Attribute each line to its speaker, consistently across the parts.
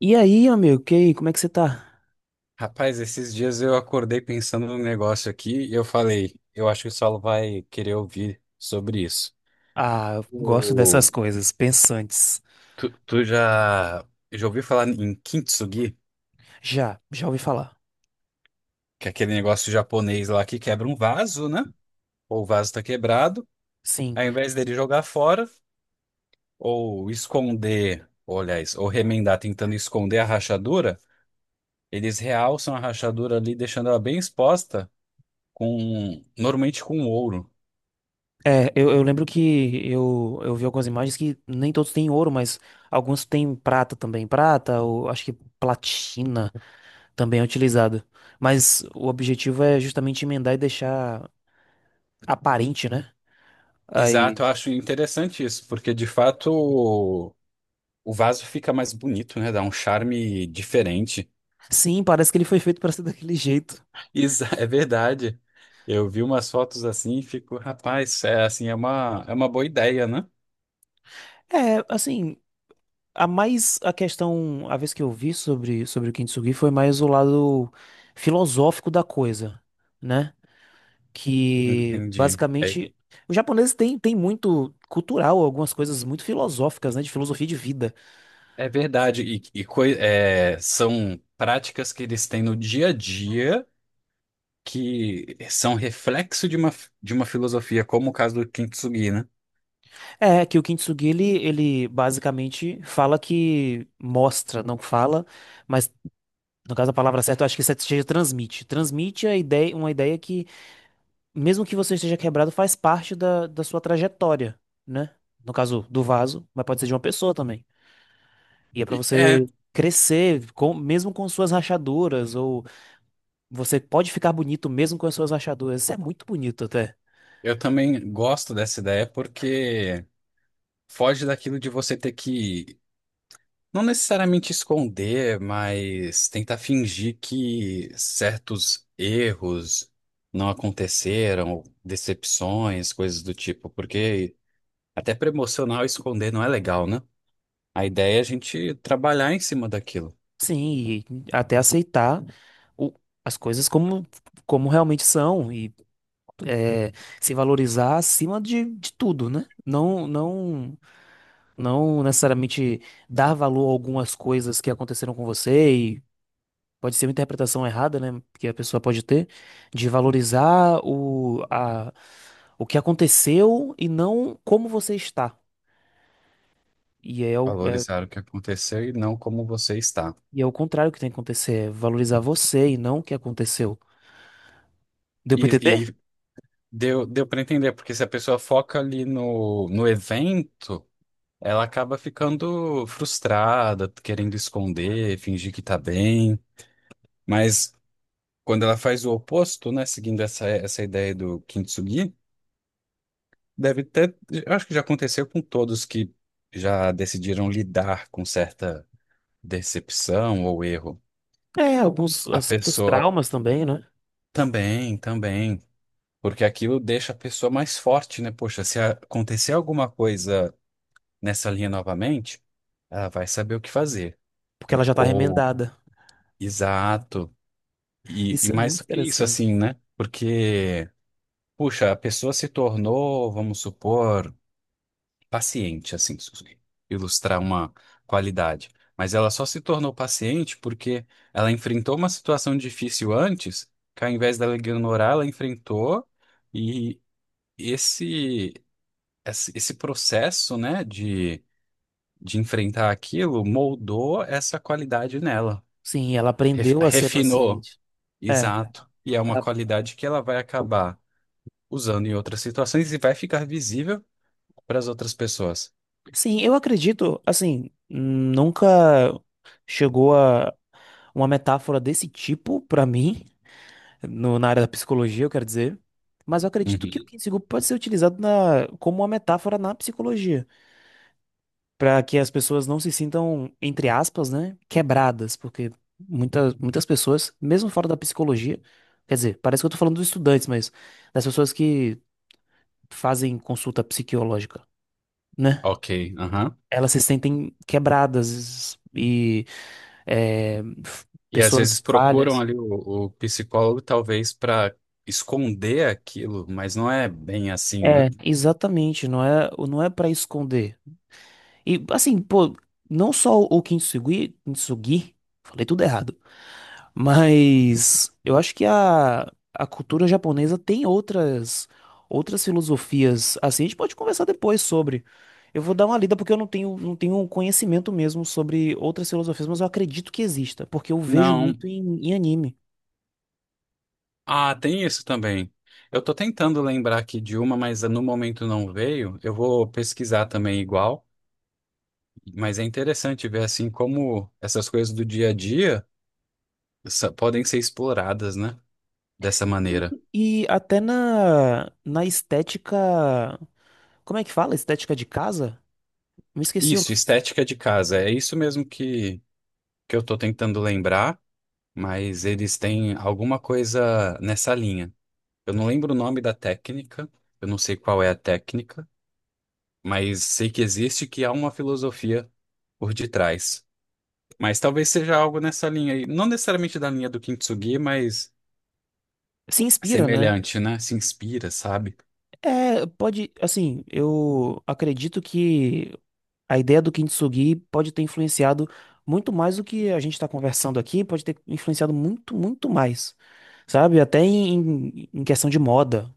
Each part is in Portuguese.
Speaker 1: E aí, amigo, que aí, como é que você tá?
Speaker 2: Rapaz, esses dias eu acordei pensando num negócio aqui e eu falei, eu acho que o Saulo vai querer ouvir sobre isso.
Speaker 1: Ah, eu gosto dessas
Speaker 2: O-
Speaker 1: coisas, pensantes.
Speaker 2: tu já ouviu falar em kintsugi?
Speaker 1: Já ouvi falar.
Speaker 2: Que é aquele negócio japonês lá que quebra um vaso, né? Ou o vaso tá quebrado,
Speaker 1: Sim.
Speaker 2: ao invés dele jogar fora ou esconder, ou, aliás, ou remendar tentando esconder a rachadura, eles realçam a rachadura ali, deixando ela bem exposta com, normalmente com ouro.
Speaker 1: É, eu lembro que eu vi algumas imagens que nem todos têm ouro, mas alguns têm prata também. Prata, ou acho que platina também é utilizado. Mas o objetivo é justamente emendar e deixar aparente, né? Aí,
Speaker 2: Exato, eu acho interessante isso, porque de fato o vaso fica mais bonito, né? Dá um charme diferente.
Speaker 1: sim, parece que ele foi feito pra ser daquele jeito.
Speaker 2: É verdade. Eu vi umas fotos assim e fico, rapaz, é assim, é uma boa ideia, né?
Speaker 1: É, assim, a mais a questão, a vez que eu vi sobre, sobre o Kintsugi foi mais o lado filosófico da coisa, né? Que
Speaker 2: Entendi. É,
Speaker 1: basicamente os japoneses têm tem muito cultural, algumas coisas muito filosóficas, né? De filosofia de vida.
Speaker 2: é verdade. É, são práticas que eles têm no dia a dia que são reflexo de uma filosofia, como o caso do Kintsugi, né?
Speaker 1: É que o Kintsugi ele basicamente fala que mostra, não fala, mas no caso a palavra certa eu acho que seja transmite, transmite a ideia, uma ideia que mesmo que você esteja quebrado, faz parte da sua trajetória, né? No caso do vaso, mas pode ser de uma pessoa também. E é pra
Speaker 2: E, é,
Speaker 1: você crescer, com, mesmo com suas rachaduras, ou você pode ficar bonito mesmo com as suas rachaduras. Isso é muito bonito até.
Speaker 2: eu também gosto dessa ideia porque. Foge daquilo de você ter que, não necessariamente esconder, mas tentar fingir que certos erros não aconteceram, decepções, coisas do tipo, porque até para emocional esconder não é legal, né? A ideia é a gente trabalhar em cima daquilo,
Speaker 1: Sim, e até aceitar o- as coisas como, como realmente são e é, se valorizar acima de tudo, né? Não, não necessariamente dar valor a algumas coisas que aconteceram com você pode ser uma interpretação errada, né? Que a pessoa pode ter, de valorizar o, a, o que aconteceu e não como você está. E é o, é,
Speaker 2: valorizar o que aconteceu e não como você está.
Speaker 1: e é o contrário que tem que acontecer, é valorizar você e não o que aconteceu. Deu pra
Speaker 2: E,
Speaker 1: entender?
Speaker 2: e deu para entender, porque se a pessoa foca ali no evento. Ela acaba ficando frustrada, querendo esconder, fingir que tá bem. Mas quando ela faz o oposto, né, seguindo essa ideia do Kintsugi, deve ter. Eu Acho que já aconteceu com todos que já decidiram lidar com certa decepção ou erro.
Speaker 1: É, alguns
Speaker 2: A
Speaker 1: certos
Speaker 2: pessoa
Speaker 1: traumas também, né?
Speaker 2: também, também. Porque aquilo deixa a pessoa mais forte, né? Poxa, se acontecer alguma coisa nessa linha novamente, ela vai saber o que fazer.
Speaker 1: Porque ela já tá
Speaker 2: Ou,
Speaker 1: remendada.
Speaker 2: exato.
Speaker 1: Isso
Speaker 2: E
Speaker 1: é
Speaker 2: mais
Speaker 1: muito
Speaker 2: do que isso,
Speaker 1: interessante.
Speaker 2: assim, né? Porque, puxa, a pessoa se tornou, vamos supor, paciente, assim, ilustrar uma qualidade. Mas ela só se tornou paciente porque ela enfrentou uma situação difícil antes, que ao invés dela ignorar, ela enfrentou e esse, esse processo, né, de enfrentar aquilo moldou essa qualidade nela.
Speaker 1: Sim, ela aprendeu a ser
Speaker 2: Refinou,
Speaker 1: paciente. É.
Speaker 2: exato. E é uma
Speaker 1: Ah,
Speaker 2: qualidade que ela vai acabar usando em outras situações e vai ficar visível para as outras pessoas.
Speaker 1: sim, eu acredito, assim, nunca chegou a uma metáfora desse tipo pra mim, no, na área da psicologia, eu quero dizer. Mas eu acredito que o
Speaker 2: Uhum.
Speaker 1: Kinseego pode ser utilizado na, como uma metáfora na psicologia, para que as pessoas não se sintam, entre aspas, né, quebradas, porque muitas pessoas, mesmo fora da psicologia, quer dizer, parece que eu tô falando dos estudantes, mas das pessoas que fazem consulta psiquiológica, né?
Speaker 2: Ok, aham.
Speaker 1: Elas se sentem quebradas e é, f-
Speaker 2: E às vezes
Speaker 1: pessoas
Speaker 2: procuram
Speaker 1: falhas.
Speaker 2: ali o psicólogo, talvez para esconder aquilo, mas não é bem assim, né?
Speaker 1: É, exatamente, não é para esconder. E assim, pô, não só o Kintsugi, Kintsugi, falei tudo errado, mas eu acho que a cultura japonesa tem outras outras filosofias. Assim, a gente pode conversar depois sobre. Eu vou dar uma lida porque eu não tenho conhecimento mesmo sobre outras filosofias, mas eu acredito que exista, porque eu vejo
Speaker 2: Não.
Speaker 1: muito em, em anime.
Speaker 2: Ah, tem isso também. Eu tô tentando lembrar aqui de uma, mas no momento não veio. Eu vou pesquisar também igual, mas é interessante ver assim como essas coisas do dia a dia podem ser exploradas, né? Dessa maneira.
Speaker 1: E até na na estética, como é que fala? Estética de casa? Me esqueci o...
Speaker 2: Isso, estética de casa. É isso mesmo que eu tô tentando lembrar, mas eles têm alguma coisa nessa linha. Eu não lembro o nome da técnica, eu não sei qual é a técnica, mas sei que existe, que há uma filosofia por detrás. Mas talvez seja algo nessa linha aí, não necessariamente da linha do Kintsugi, mas
Speaker 1: Se inspira, né?
Speaker 2: semelhante, né? Se inspira, sabe?
Speaker 1: É, pode, assim, eu acredito que a ideia do Kintsugi pode ter influenciado muito mais do que a gente está conversando aqui, pode ter influenciado muito, muito mais, sabe? Até em, em questão de moda,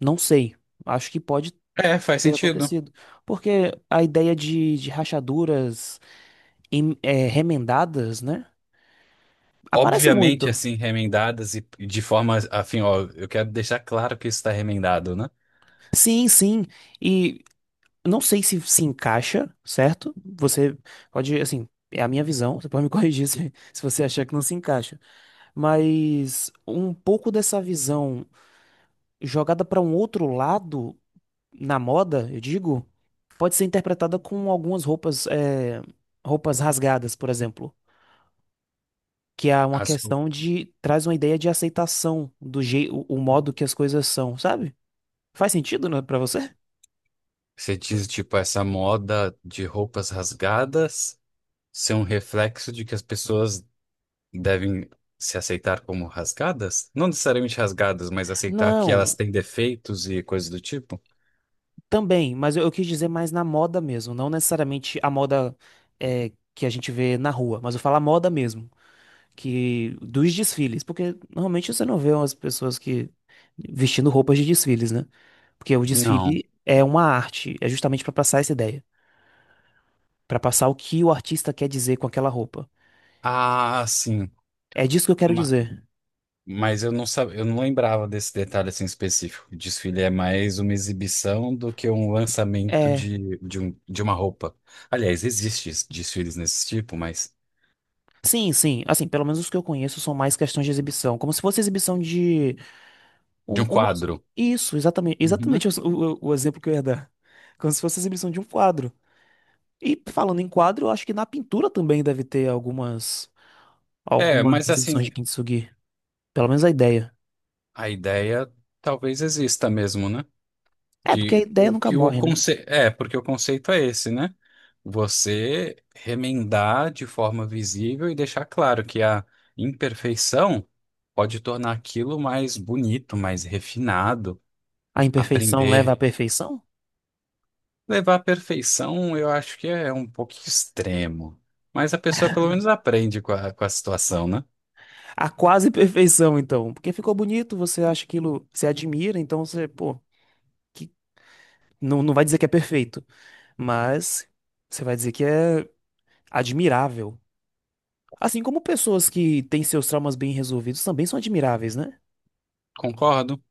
Speaker 1: não sei, acho que pode
Speaker 2: É, faz
Speaker 1: ter
Speaker 2: sentido.
Speaker 1: acontecido, porque a ideia de rachaduras é, remendadas, né? Aparece
Speaker 2: Obviamente,
Speaker 1: muito.
Speaker 2: assim, remendadas e de forma, afim, ó, eu quero deixar claro que isso está remendado, né?
Speaker 1: Sim, sim, e não sei se se encaixa, certo? Você pode, assim, é a minha visão, você pode me corrigir se, se você achar que não se encaixa. Mas um pouco dessa visão jogada para um outro lado na moda, eu digo, pode ser interpretada com algumas roupas, é, roupas rasgadas, por exemplo. Que é uma
Speaker 2: As,
Speaker 1: questão de, traz uma ideia de aceitação do jeito, o modo que as coisas são, sabe? Faz sentido, né, para você?
Speaker 2: Você diz, tipo, essa moda de roupas rasgadas ser um reflexo de que as pessoas devem se aceitar como rasgadas? Não necessariamente rasgadas, mas aceitar que elas
Speaker 1: Não,
Speaker 2: têm defeitos e coisas do tipo?
Speaker 1: também, mas eu quis dizer mais na moda mesmo, não necessariamente a moda é, que a gente vê na rua, mas eu falo a moda mesmo, que dos desfiles, porque normalmente você não vê umas pessoas que vestindo roupas de desfiles, né? Porque o
Speaker 2: Não.
Speaker 1: desfile é uma arte, é justamente para passar essa ideia, para passar o que o artista quer dizer com aquela roupa.
Speaker 2: Ah, sim.
Speaker 1: É disso que eu quero
Speaker 2: Ma-
Speaker 1: dizer.
Speaker 2: mas eu não sabia, eu não lembrava desse detalhe assim específico. O desfile é mais uma exibição do que um lançamento
Speaker 1: É,
Speaker 2: de uma roupa. Aliás, existe desfiles nesse tipo, mas
Speaker 1: sim, sim, assim, pelo menos os que eu conheço são mais questões de exibição, como se fosse exibição de
Speaker 2: de
Speaker 1: Um-
Speaker 2: um
Speaker 1: uma-
Speaker 2: quadro.
Speaker 1: isso, exatamente,
Speaker 2: Uhum.
Speaker 1: exatamente o, o exemplo que eu ia dar. Como se fosse a exibição de um quadro. E falando em quadro, eu acho que na pintura também deve ter algumas,
Speaker 2: É,
Speaker 1: algumas
Speaker 2: mas
Speaker 1: exibições
Speaker 2: assim,
Speaker 1: de Kintsugi. Pelo menos a ideia.
Speaker 2: a ideia talvez exista mesmo, né?
Speaker 1: É, porque a ideia nunca
Speaker 2: Que o
Speaker 1: morre, né?
Speaker 2: conceito. É, porque o conceito é esse, né? Você remendar de forma visível e deixar claro que a imperfeição pode tornar aquilo mais bonito, mais refinado,
Speaker 1: A imperfeição leva
Speaker 2: aprender.
Speaker 1: à perfeição?
Speaker 2: Levar à perfeição, eu acho que é um pouco extremo. Mas a pessoa pelo menos aprende com a situação, né?
Speaker 1: À quase perfeição, então. Porque ficou bonito, você acha aquilo, você admira, então você, pô, que, não vai dizer que é perfeito, mas você vai dizer que é admirável. Assim como pessoas que têm seus traumas bem resolvidos também são admiráveis, né?
Speaker 2: Concordo?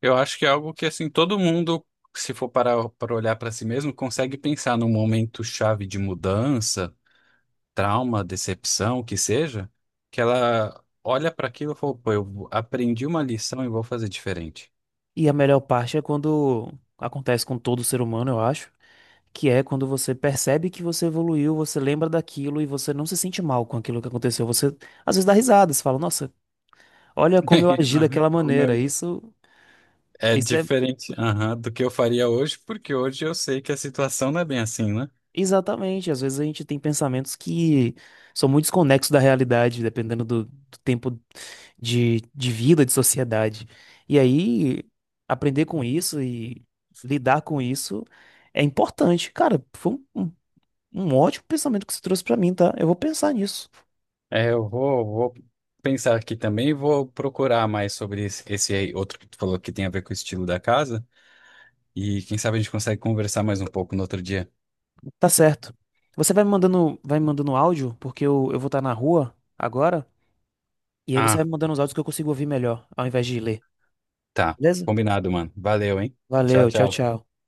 Speaker 2: Eu acho que é algo que, assim, todo mundo, se for parar para olhar para si mesmo, consegue pensar num momento chave de mudança, trauma, decepção, o que seja, que ela olha para aquilo e fala, pô, eu aprendi uma lição e vou fazer diferente.
Speaker 1: E a melhor parte é quando acontece com todo ser humano, eu acho, que é quando você percebe que você evoluiu, você lembra daquilo e você não se sente mal com aquilo que aconteceu. Você às vezes dá risada, você fala, nossa, olha como eu agi
Speaker 2: Aham,
Speaker 1: daquela maneira. Isso,
Speaker 2: É
Speaker 1: isso é.
Speaker 2: diferente, aham, do que eu faria hoje, porque hoje eu sei que a situação não é bem assim, né?
Speaker 1: Exatamente, às vezes a gente tem pensamentos que são muito desconexos da realidade, dependendo do tempo de vida, de sociedade. E aí, aprender com isso e lidar com isso é importante. Cara, foi um ótimo pensamento que você trouxe pra mim, tá? Eu vou pensar nisso.
Speaker 2: É, eu vou pensar aqui também e vou procurar mais sobre esse, esse aí outro que tu falou que tem a ver com o estilo da casa. E quem sabe a gente consegue conversar mais um pouco no outro dia.
Speaker 1: Tá certo. Você vai me mandando áudio, porque eu vou estar na rua agora, e aí você
Speaker 2: Ah,
Speaker 1: vai me mandando os áudios que eu consigo ouvir melhor, ao invés de ler.
Speaker 2: tá.
Speaker 1: Beleza?
Speaker 2: Combinado, mano. Valeu, hein? Tchau,
Speaker 1: Valeu, tchau,
Speaker 2: tchau.
Speaker 1: tchau.